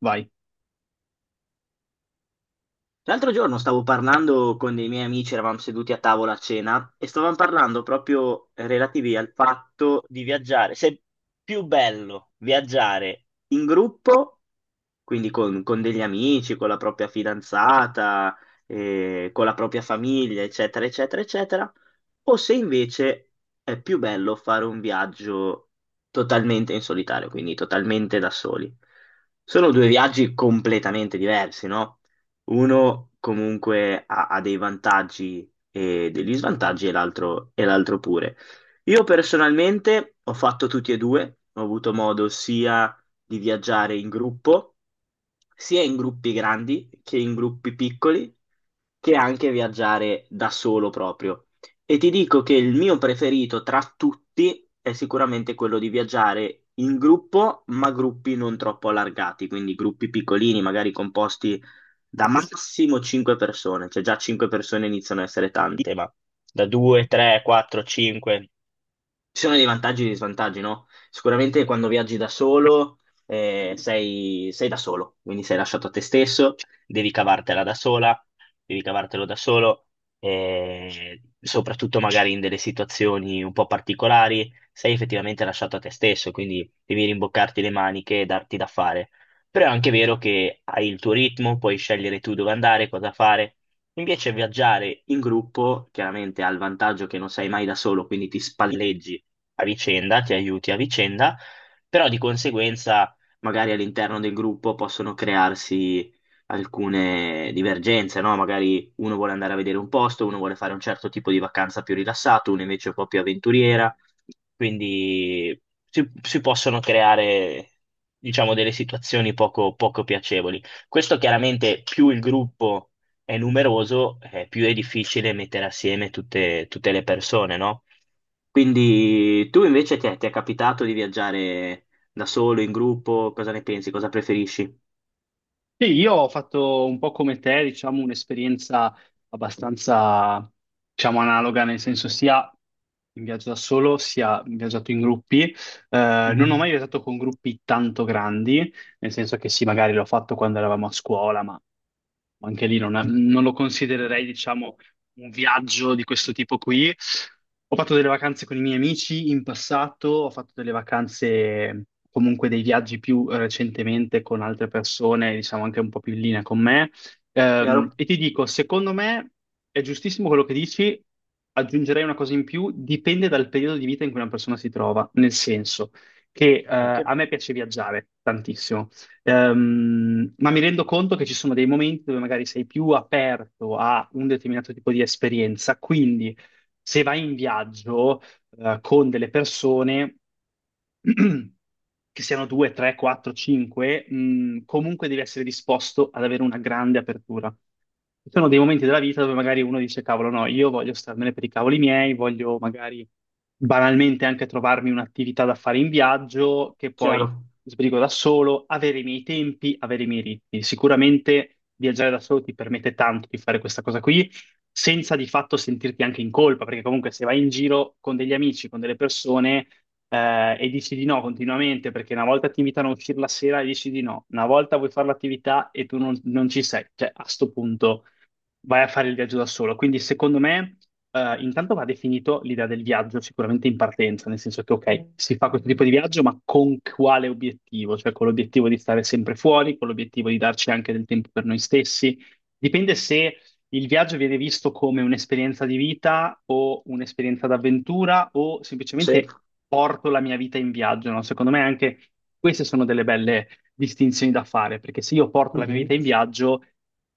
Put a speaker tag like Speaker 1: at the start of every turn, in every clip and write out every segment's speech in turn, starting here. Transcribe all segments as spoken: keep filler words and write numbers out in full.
Speaker 1: Vai.
Speaker 2: L'altro giorno stavo parlando con dei miei amici, eravamo seduti a tavola a cena e stavamo parlando proprio relativi al fatto di viaggiare, se è più bello viaggiare in gruppo quindi con, con degli amici, con la propria fidanzata, eh, con la propria famiglia, eccetera, eccetera, eccetera, o se invece è più bello fare un viaggio totalmente in solitario, quindi totalmente da soli. Sono due viaggi completamente diversi, no? Uno comunque ha, ha dei vantaggi e degli svantaggi e l'altro e l'altro pure. Io personalmente ho fatto tutti e due, ho avuto modo sia di viaggiare in gruppo, sia in gruppi grandi che in gruppi piccoli, che anche viaggiare da solo proprio. E ti dico che il mio preferito tra tutti è sicuramente quello di viaggiare in gruppo, ma gruppi non troppo allargati, quindi gruppi piccolini, magari composti da massimo cinque persone, cioè già cinque persone iniziano a essere tante, ma da due, tre, quattro, cinque, ci sono dei vantaggi e dei svantaggi, no? Sicuramente quando viaggi da solo, eh, sei, sei da solo, quindi sei lasciato a te stesso, devi cavartela da sola, devi cavartelo da solo, eh, soprattutto magari in delle situazioni un po' particolari, sei effettivamente lasciato a te stesso, quindi devi rimboccarti le maniche e darti da fare. Però è anche vero che hai il tuo ritmo, puoi scegliere tu dove andare, cosa fare. Invece viaggiare in gruppo chiaramente ha il vantaggio che non sei mai da solo, quindi ti spalleggi a vicenda, ti aiuti a vicenda, però di conseguenza magari all'interno del gruppo possono crearsi alcune divergenze, no? Magari uno vuole andare a vedere un posto, uno vuole fare un certo tipo di vacanza più rilassato, uno invece è un po' più avventuriera, quindi si, si possono creare, diciamo, delle situazioni poco, poco piacevoli. Questo chiaramente più il gruppo è numeroso, eh, più è difficile mettere assieme tutte, tutte le persone, no? Quindi tu invece ti è, ti è capitato di viaggiare da solo, in gruppo? Cosa ne pensi? Cosa preferisci?
Speaker 1: Sì, io ho fatto un po' come te, diciamo, un'esperienza abbastanza, diciamo, analoga, nel senso sia in viaggio da solo, sia in viaggiato in gruppi. Eh, non ho
Speaker 2: Mhm.
Speaker 1: mai viaggiato con gruppi tanto grandi, nel senso che sì, magari l'ho fatto quando eravamo a scuola, ma anche lì non, non lo considererei, diciamo, un viaggio di questo tipo qui. Ho fatto delle vacanze con i miei amici in passato, ho fatto delle vacanze, comunque dei viaggi più eh, recentemente con altre persone, diciamo anche un po' più in linea con me. Ehm,
Speaker 2: Chiaro?
Speaker 1: e ti dico, secondo me è giustissimo quello che dici, aggiungerei una cosa in più, dipende dal periodo di vita in cui una persona si trova, nel senso che eh,
Speaker 2: Ok.
Speaker 1: a me piace viaggiare tantissimo. Ehm, ma mi rendo conto che ci sono dei momenti dove magari sei più aperto a un determinato tipo di esperienza, quindi se vai in viaggio eh, con delle persone che siano due, tre, quattro, cinque, mh, comunque devi essere disposto ad avere una grande apertura. Ci sono dei momenti della vita dove magari uno dice, cavolo, no, io voglio starmene per i cavoli miei, voglio magari banalmente anche trovarmi un'attività da fare in viaggio, che poi
Speaker 2: Chiaro.
Speaker 1: sbrigo da solo, avere i miei tempi, avere i miei ritmi. Sicuramente viaggiare da solo ti permette tanto di fare questa cosa qui, senza di fatto sentirti anche in colpa, perché comunque se vai in giro con degli amici, con delle persone eh, e dici di no continuamente perché una volta ti invitano a uscire la sera e dici di no, una volta vuoi fare l'attività e tu non, non ci sei, cioè a sto punto vai a fare il viaggio da solo. Quindi secondo me eh, intanto va definito l'idea del viaggio sicuramente in partenza, nel senso che ok, si fa questo tipo di viaggio, ma con quale obiettivo? Cioè con l'obiettivo di stare sempre fuori, con l'obiettivo di darci anche del tempo per noi stessi. Dipende se il viaggio viene visto come un'esperienza di vita o un'esperienza d'avventura o
Speaker 2: Sì.
Speaker 1: semplicemente porto la mia vita in viaggio, no? Secondo me anche queste sono delle belle distinzioni da fare, perché se io porto la mia vita
Speaker 2: Mhm.
Speaker 1: in viaggio,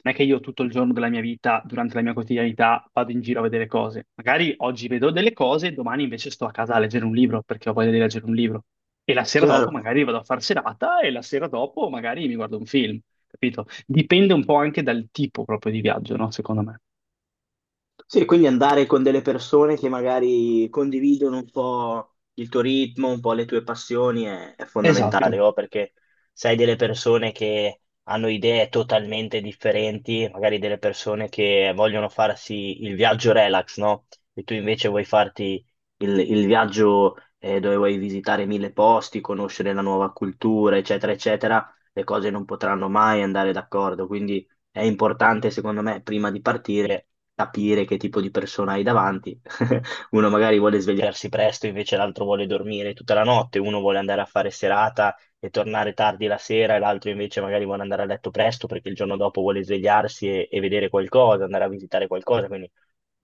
Speaker 1: non è che io tutto il giorno della mia vita, durante la mia quotidianità, vado in giro a vedere cose. Magari oggi vedo delle cose, domani invece sto a casa a leggere un libro, perché ho voglia di leggere un libro. E la sera dopo
Speaker 2: Chiaro.
Speaker 1: magari vado a far serata e la sera dopo magari mi guardo un film, capito? Dipende un po' anche dal tipo proprio di viaggio, no? Secondo me.
Speaker 2: Sì, quindi andare con delle persone che magari condividono un po' il tuo ritmo, un po' le tue passioni è, è
Speaker 1: Esatto.
Speaker 2: fondamentale, o perché sai delle persone che hanno idee totalmente differenti, magari delle persone che vogliono farsi il viaggio relax, no? E tu invece vuoi farti il, il viaggio eh, dove vuoi visitare mille posti, conoscere la nuova cultura, eccetera, eccetera, le cose non potranno mai andare d'accordo, quindi è importante, secondo me, prima di partire capire che tipo di persona hai davanti. Uno magari vuole svegliarsi presto, invece l'altro vuole dormire tutta la notte, uno vuole andare a fare serata e tornare tardi la sera, e l'altro invece magari vuole andare a letto presto perché il giorno dopo vuole svegliarsi e, e vedere qualcosa, andare a visitare qualcosa. Quindi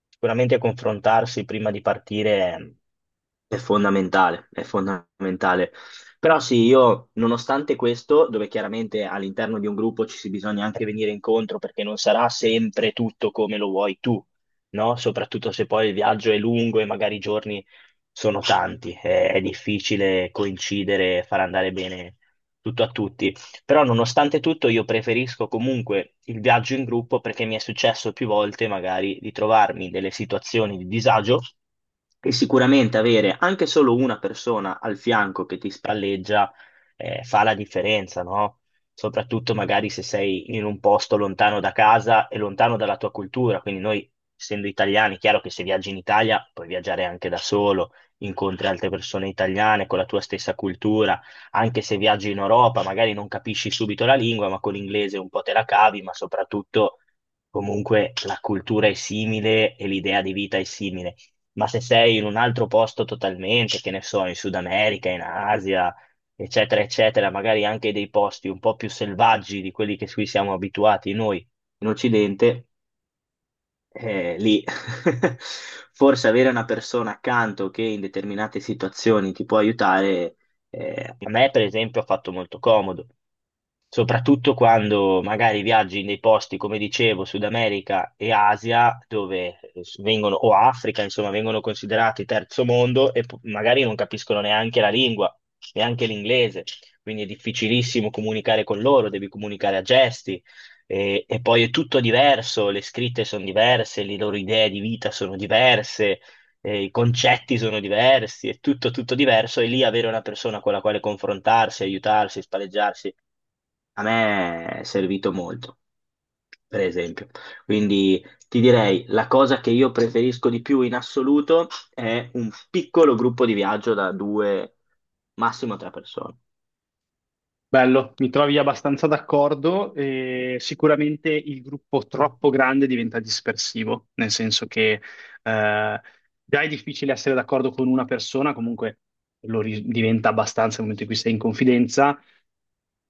Speaker 2: sicuramente confrontarsi prima di partire è, è fondamentale, è fondamentale. Però sì, io nonostante questo, dove chiaramente all'interno di un gruppo ci si bisogna anche venire incontro perché non sarà sempre tutto come lo vuoi tu, no? Soprattutto se poi il viaggio è lungo e magari i giorni sono tanti, è, è difficile coincidere e far andare bene tutto a tutti. Però nonostante tutto io preferisco comunque il viaggio in gruppo perché mi è successo più volte magari di trovarmi in delle situazioni di disagio e sicuramente avere anche solo una persona al fianco che ti spalleggia eh, fa la differenza, no? Soprattutto magari se sei in un posto lontano da casa e lontano dalla tua cultura, quindi noi essendo italiani, è chiaro che se viaggi in Italia puoi viaggiare anche da solo, incontri altre persone italiane con la tua stessa cultura anche se viaggi in Europa, magari non capisci subito la lingua, ma con l'inglese un po' te la cavi, ma soprattutto comunque la cultura è simile e l'idea di vita è simile. Ma se sei in un altro posto totalmente, che ne so, in Sud America, in Asia, eccetera, eccetera, magari anche dei posti un po' più selvaggi di quelli che qui siamo abituati noi in Occidente, eh, lì forse avere una persona accanto che in determinate situazioni ti può aiutare, eh, a me per esempio ha fatto molto comodo soprattutto quando magari viaggi in dei posti, come dicevo, Sud America e Asia, dove vengono, o Africa, insomma, vengono considerati terzo mondo e po- magari non capiscono neanche la lingua, neanche l'inglese, quindi è difficilissimo comunicare con loro, devi comunicare a gesti. E, e poi è tutto diverso, le scritte sono diverse, le loro idee di vita sono diverse, eh, i concetti sono diversi, è tutto, tutto diverso e lì avere una persona con la quale confrontarsi, aiutarsi, spalleggiarsi a me è servito molto, per esempio. Quindi ti direi, la cosa che io preferisco di più in assoluto è un piccolo gruppo di viaggio da due, massimo tre persone.
Speaker 1: Bello, mi trovi abbastanza d'accordo. E sicuramente il gruppo troppo grande diventa dispersivo, nel senso che eh, già è difficile essere d'accordo con una persona, comunque lo ri- diventa abbastanza nel momento in cui sei in confidenza.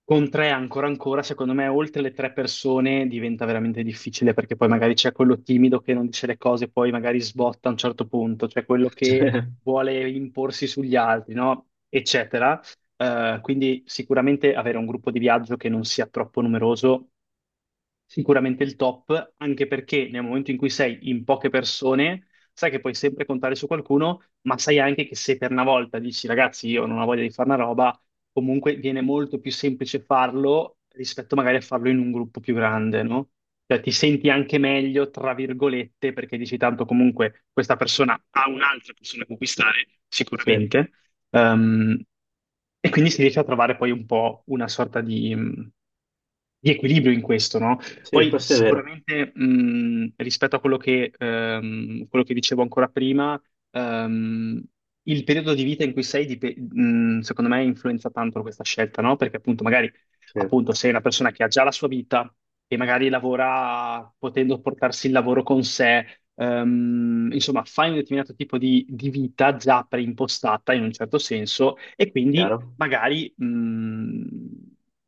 Speaker 1: Con tre ancora ancora, secondo me, oltre le tre persone diventa veramente difficile perché poi magari c'è quello timido che non dice le cose, poi magari sbotta a un certo punto, c'è quello che vuole imporsi sugli altri, no? Eccetera. Eh, quindi sicuramente avere un gruppo di viaggio che non sia troppo numeroso sicuramente il top, anche perché nel momento in cui sei in poche persone, sai che puoi sempre contare su qualcuno, ma sai anche che se per una volta dici ragazzi, io non ho voglia di fare una roba, comunque viene molto più semplice farlo rispetto magari a farlo in un gruppo più grande, no? Cioè ti senti anche meglio, tra virgolette, perché dici tanto comunque questa persona ha un'altra persona con cui stare,
Speaker 2: Sì,
Speaker 1: sicuramente. Ehm, e quindi si riesce a trovare poi un po' una sorta di, mm, di equilibrio in questo, no?
Speaker 2: sì,
Speaker 1: Poi
Speaker 2: questo è vero.
Speaker 1: sicuramente mh, rispetto a quello che, ehm, quello che dicevo ancora prima, ehm, il periodo di vita in cui sei, dip- mh, secondo me, influenza tanto questa scelta, no? Perché appunto magari
Speaker 2: Sì,
Speaker 1: appunto, sei una persona che ha già la sua vita e magari lavora potendo portarsi il lavoro con sé, ehm, insomma, fai un determinato tipo di, di vita già preimpostata in un certo senso e quindi
Speaker 2: chiaro?
Speaker 1: magari mh,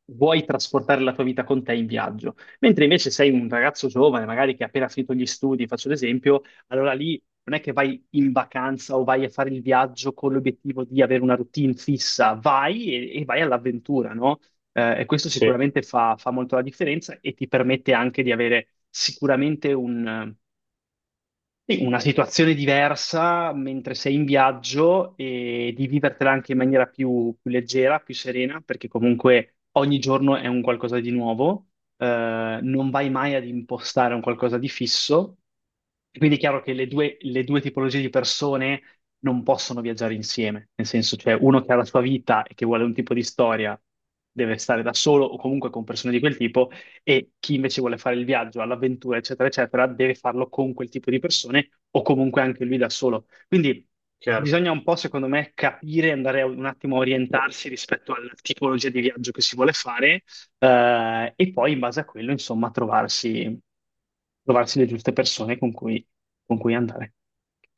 Speaker 1: vuoi trasportare la tua vita con te in viaggio. Mentre invece sei un ragazzo giovane, magari che ha appena finito gli studi, faccio l'esempio, allora lì non è che vai in vacanza o vai a fare il viaggio con l'obiettivo di avere una routine fissa, vai e, e vai all'avventura, no? Eh, e questo
Speaker 2: Sì,
Speaker 1: sicuramente fa, fa molto la differenza e ti permette anche di avere sicuramente un, sì, una situazione diversa mentre sei in viaggio e di vivertela anche in maniera più, più leggera, più serena, perché comunque ogni giorno è un qualcosa di nuovo, eh, non vai mai ad impostare un qualcosa di fisso. E quindi è chiaro che le due, le due tipologie di persone non possono viaggiare insieme, nel senso, cioè uno che ha la sua vita e che vuole un tipo di storia deve stare da solo o comunque con persone di quel tipo e chi invece vuole fare il viaggio, all'avventura, eccetera, eccetera, deve farlo con quel tipo di persone o comunque anche lui da solo. Quindi
Speaker 2: chiaro.
Speaker 1: bisogna un po', secondo me, capire, andare a- un attimo a orientarsi rispetto alla tipologia di viaggio che si vuole fare eh, e poi in base a quello, insomma, trovarsi, trovarsi le giuste persone con cui con cui andare.